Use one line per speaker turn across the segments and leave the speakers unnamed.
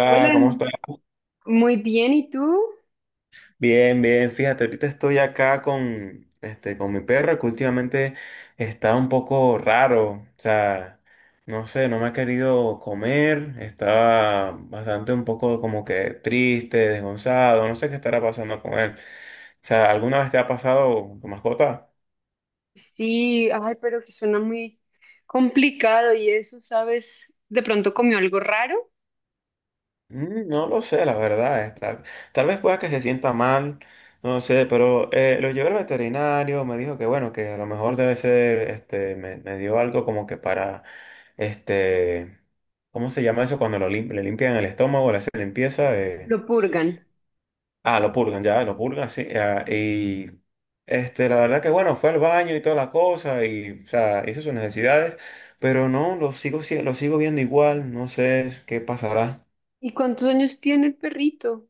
Hola,
¿cómo estás?
muy bien, ¿y tú?
Bien, bien, fíjate, ahorita estoy acá con, con mi perro que últimamente está un poco raro, o sea, no sé, no me ha querido comer, estaba bastante un poco como que triste, desgonzado, no sé qué estará pasando con él. O sea, ¿alguna vez te ha pasado tu mascota?
Sí, ay, pero que suena muy complicado y eso, ¿sabes? De pronto comió algo raro,
Mm, no lo sé, la verdad. Es tal vez pueda que se sienta mal, no sé, pero lo llevé al veterinario, me dijo que bueno, que a lo mejor debe ser, me dio algo como que para, este, ¿cómo se llama eso? Cuando le limpian el estómago, le hacen limpieza.
lo purgan.
Ah, lo purgan, ya, lo purgan, sí. Ah, la verdad que bueno, fue al baño y toda la cosa y, o sea, hizo sus necesidades, pero no, lo sigo viendo igual, no sé qué pasará.
¿Y cuántos años tiene el perrito?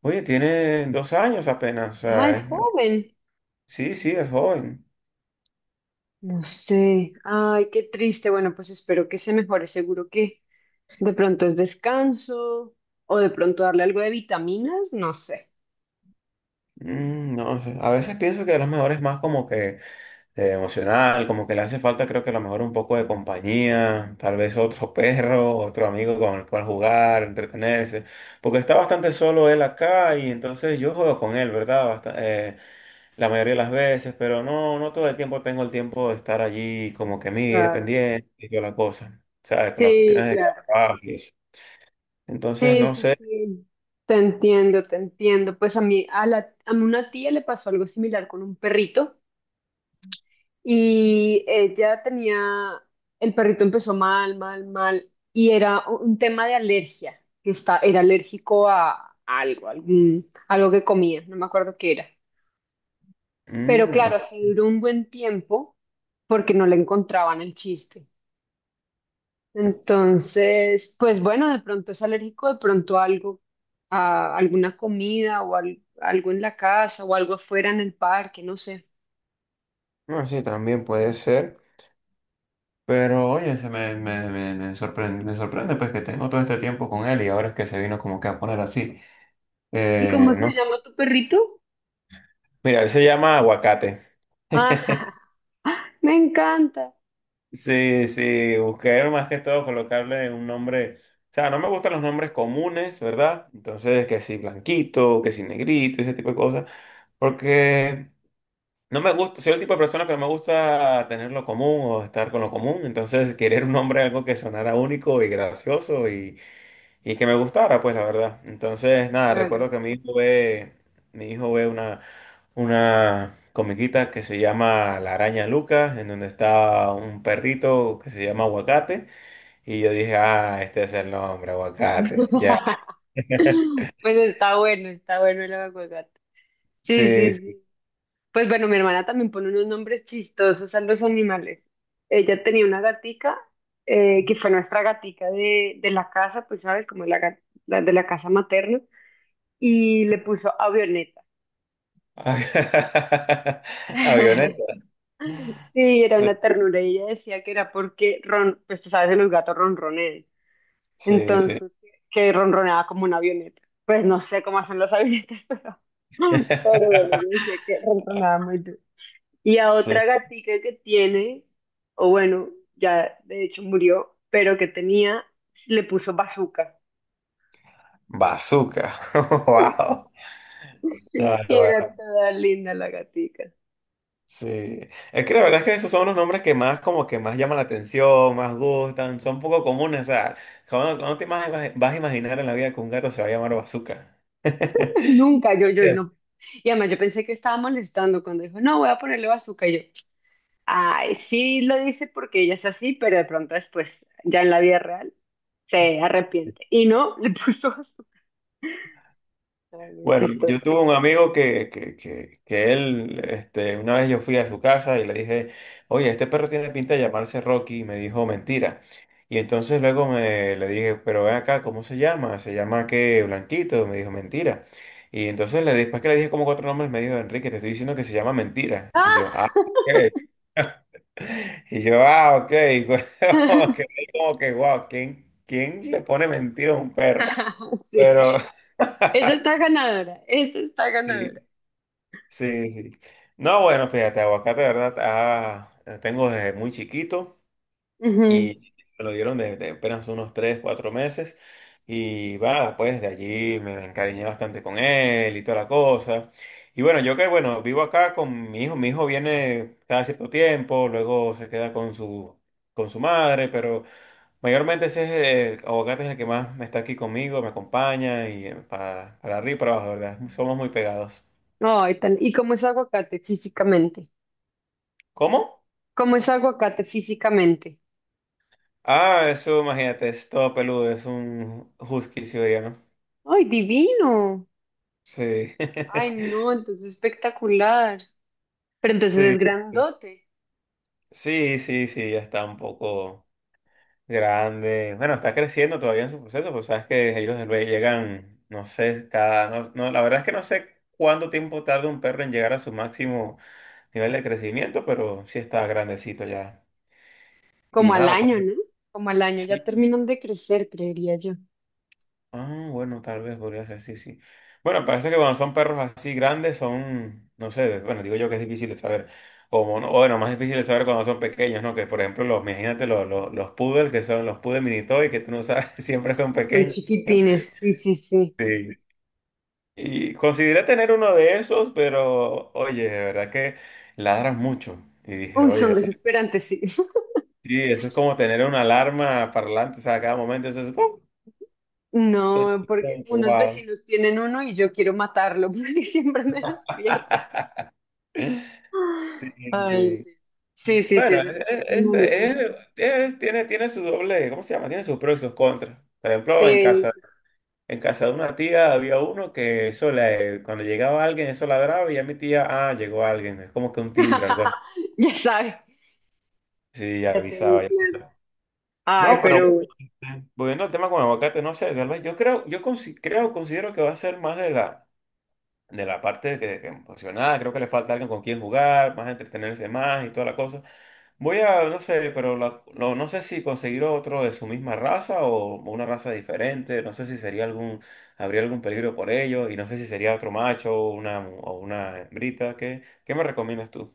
Oye, tiene 2 años apenas, o
Ah,
sea,
es joven.
sí, sí, es joven.
No sé, ay, qué triste. Bueno, pues espero que se mejore. Seguro que de pronto es descanso o de pronto darle algo de vitaminas, no sé.
Mm, no sé, a veces pienso que a lo mejor es más como que emocional, como que le hace falta, creo que a lo mejor un poco de compañía, tal vez otro perro, otro amigo con el cual jugar, entretenerse, porque está bastante solo él acá y entonces yo juego con él, ¿verdad? La mayoría de las veces, pero no, no todo el tiempo tengo el tiempo de estar allí como que mire,
Claro.
pendiente y toda la cosa, ¿sabes? Con las cuestiones
Sí,
de
claro.
trabajo y eso. Entonces,
Sí,
no
sí,
sé.
sí, te entiendo, te entiendo. Pues a mí, a una tía le pasó algo similar con un perrito y ella tenía, el perrito empezó mal, mal, mal y era un tema de alergia, que está, era alérgico a algo, algún, algo que comía, no me acuerdo qué era. Pero
Mm,
claro,
ok.
así duró un buen tiempo porque no le encontraban el chiste. Entonces, pues bueno, de pronto es alérgico, de pronto a algo, a alguna comida o al- algo en la casa o algo afuera en el parque, no sé.
No, sí, también puede ser. Pero oye, se me, me, me, me sorprende pues que tengo todo este tiempo con él y ahora es que se vino como que a poner así.
¿Y cómo se
No.
llama tu perrito?
Mira, él se llama Aguacate.
Ah, me encanta.
Sí, sí, busqué más que todo colocarle un nombre. O sea, no me gustan los nombres comunes, ¿verdad? Entonces, que si blanquito, que si negrito, ese tipo de cosas. Porque no me gusta, soy el tipo de persona que no me gusta tener lo común o estar con lo común, entonces querer un nombre, algo que sonara único y gracioso y que me gustara, pues la verdad. Entonces, nada,
Claro.
recuerdo que mi hijo ve una comiquita que se llama La Araña Lucas, en donde está un perrito que se llama Aguacate, y yo dije, ah, este es el nombre, Aguacate, ya.
Pues está bueno el aguacate. Sí,
Sí,
sí,
sí.
sí. Pues bueno, mi hermana también pone unos nombres chistosos a los animales. Ella tenía una gatica que fue nuestra gatica de la casa, pues sabes, como la, ga- la de la casa materna. Y le puso avioneta.
Avioneta,
Sí, era
sí,
una ternura y ella decía que era porque ron, pues tú sabes que los gatos ronronean,
sí, sí.
entonces que ronroneaba como una avioneta. Pues no sé cómo hacen las avionetas, pero bueno, yo decía que ronroneaba muy duro. Y a
Sí.
otra gatica que tiene, o bueno, ya de hecho murió, pero que tenía, le puso bazooka.
Bazooka. Wow. No,
Y
no,
era
bueno,
toda linda la gatica.
sí. Es que la verdad es que esos son los nombres que más como que más llaman la atención, más gustan, son poco comunes. O sea, ¿Cómo vas a imaginar en la vida que un gato se va a llamar Bazooka?
Nunca, yo no. Y además yo pensé que estaba molestando cuando dijo, no, voy a ponerle bazooka. Y yo, ay, sí lo dice porque ella es así, pero de pronto después, ya en la vida real, se arrepiente. Y no, le puso bazooka. Ay, muy
Bueno, yo
chistoso.
tuve un amigo que él, una vez yo fui a su casa y le dije, oye, este perro tiene pinta de llamarse Rocky, y me dijo, mentira. Y entonces luego le dije, pero ven acá, ¿cómo se llama? ¿Se llama qué? Blanquito, me dijo, mentira. Y entonces después que le dije como 4 nombres, me dijo, Enrique, te estoy diciendo que se llama mentira. Y yo, ah,
¡Ah!
ok. Y yo, ah, ok. Como que, wow, ¿quién le pone mentira a un perro? Pero...
Sí, esa está ganadora, esa está ganadora.
Sí. Sí, sí. No, bueno, fíjate, aguacate, de verdad, tengo desde muy chiquito
Ujú.
y me lo dieron desde apenas unos 3, 4 meses. Y va, pues de allí me encariñé bastante con él y toda la cosa. Y bueno, bueno, vivo acá con mi hijo. Mi hijo viene cada cierto tiempo, luego se queda con su madre, pero mayormente aguacate es el que más está aquí conmigo, me acompaña y para arriba y para abajo, de ¿verdad? Somos muy pegados.
Ay, tan- ¿Y cómo es aguacate físicamente?
¿Cómo?
¿Cómo es aguacate físicamente?
Ah, eso, imagínate, es todo peludo, es un husky siberiano.
¡Ay, divino!
Sí.
Ay, no, entonces espectacular. Pero entonces es
Sí.
grandote.
Sí, sí, sí, ya está un poco grande. Bueno, está creciendo todavía en su proceso, pues sabes que ellos del Bay llegan, no sé, cada. No, no, la verdad es que no sé cuánto tiempo tarda un perro en llegar a su máximo nivel de crecimiento, pero sí está grandecito ya. Y
¿Como al
nada, pues
año, no? Como al año, ya
sí.
terminan de crecer, creería yo.
Ah, bueno, tal vez podría ser, sí, sí. Bueno, parece que cuando son perros así grandes son, no sé, bueno, digo yo que es difícil de saber. O bueno, más difícil de saber cuando son pequeños, ¿no? Que por ejemplo, imagínate los poodles, que son los poodles mini toy, que tú no sabes, siempre son
Son
pequeños.
chiquitines, sí, sí, sí.
Sí. Y consideré tener uno de esos, pero oye, de verdad que ladran mucho. Y dije,
Uy,
oye,
son desesperantes, sí.
sí, eso es como tener una alarma parlante, o sea, a cada momento eso es... ¡pum! Como
No, porque
que,
unos
wow.
vecinos tienen uno y yo quiero matarlo porque siempre me despierta.
Sí,
Ay,
sí.
sí. Sí, sí, sí,
Bueno,
eso es.
es- es-
Animalito
es-
feo.
tiene su doble, ¿cómo se llama? Tiene sus pros y sus contras. Por ejemplo,
Sí, sí, sí.
en casa de una tía había uno que eso le, cuando llegaba alguien, eso ladraba y ya mi tía, ah, llegó alguien. Es como que un timbre, algo así.
Ya sabe.
Sí, ya
Ya tiene
avisaba, ya
claro.
avisaba.
Ay,
No, pero
pero
bueno,
bueno.
volviendo al tema con el aguacate, no sé, tal vez yo creo, yo consi- creo, considero que va a ser más de la parte que emocionada, creo que le falta alguien con quien jugar, más entretenerse más y toda la cosa. No sé, pero no, no sé si conseguir otro de su misma raza o una raza diferente, no sé si sería habría algún peligro por ello y no sé si sería otro macho o o una hembrita, ¿qué me recomiendas tú?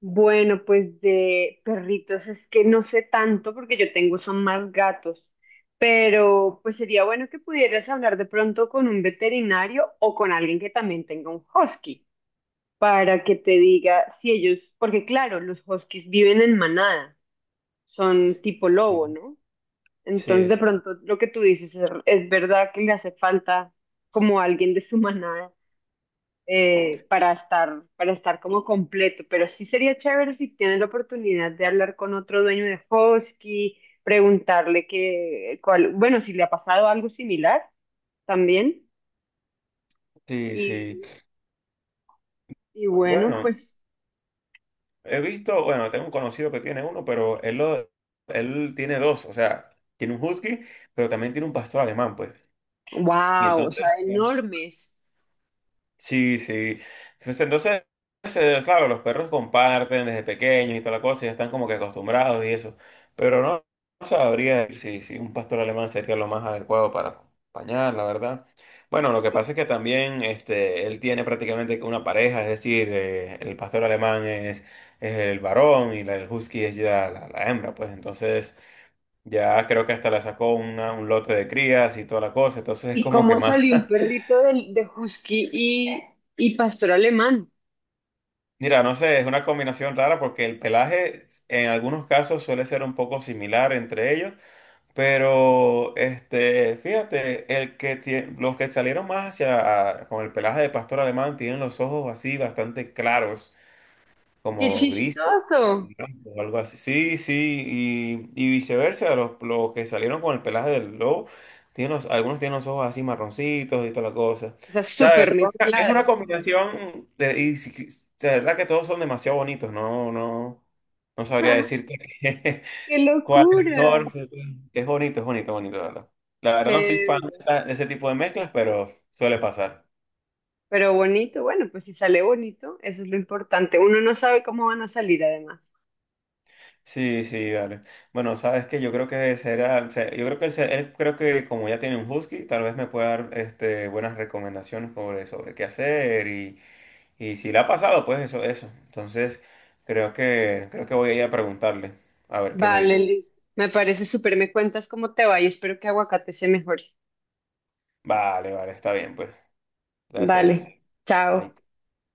Bueno, pues de perritos es que no sé tanto porque yo tengo son más gatos, pero pues sería bueno que pudieras hablar de pronto con un veterinario o con alguien que también tenga un husky para que te diga si ellos, porque claro, los huskies viven en manada, son tipo lobo,
Sí.
¿no? Entonces
Sí,
de pronto lo que tú dices es verdad que le hace falta como alguien de su manada para estar como completo, pero sí sería chévere si tienes la oportunidad de hablar con otro dueño de Husky, preguntarle que, cuál, bueno, si le ha pasado algo similar también,
sí, sí.
y,
Sí.
y bueno,
Bueno,
pues,
he visto, bueno, tengo un conocido que tiene uno, pero él tiene dos, o sea, tiene un husky, pero también tiene un pastor alemán, pues. Y
wow, o sea,
entonces,
enormes.
sí, sí. Pues entonces, claro, los perros comparten desde pequeños y toda la cosa, ya están como que acostumbrados y eso. Pero no, no sabría si, si un pastor alemán sería lo más adecuado para acompañar, la verdad. Bueno, lo que pasa es que también él tiene prácticamente una pareja, es decir, el pastor alemán es el varón y el husky es ya la hembra, pues entonces ya creo que hasta le sacó un lote de crías y toda la cosa, entonces es
¿Y
como que
cómo
más.
salió un perrito de Husky y pastor alemán?
Mira, no sé, es una combinación rara porque el pelaje en algunos casos suele ser un poco similar entre ellos, pero fíjate, los que salieron más hacia con el pelaje de pastor alemán tienen los ojos así bastante claros
¡Qué
como grises
chistoso!
blancos o algo así. Sí, sí, y viceversa, los que salieron con el pelaje del lobo, tienen algunos tienen los ojos así marroncitos y toda la cosa.
O sea,
O sea,
súper
es una
mezclados.
combinación de, de verdad que todos son demasiado bonitos, no, no, no sabría decirte
¡Qué
cuál es
locura!
mejor. Sí, sí. Es bonito, bonito, la verdad. La verdad no soy fan
Chévere.
de de ese tipo de mezclas, pero suele pasar.
Pero bonito, bueno, pues si sale bonito, eso es lo importante. Uno no sabe cómo van a salir además.
Sí, sí, vale. Bueno, sabes que yo creo que será, o sea, yo creo que él creo que como ya tiene un husky, tal vez me pueda dar buenas recomendaciones sobre, sobre qué hacer y si le ha pasado, pues eso, eso. Entonces, creo que voy a ir a preguntarle, a ver qué me
Vale,
dice.
listo. Me parece súper, me cuentas cómo te va y espero que aguacate se mejore.
Vale, vale, está bien, pues. Gracias.
Vale, chao.
Ahí.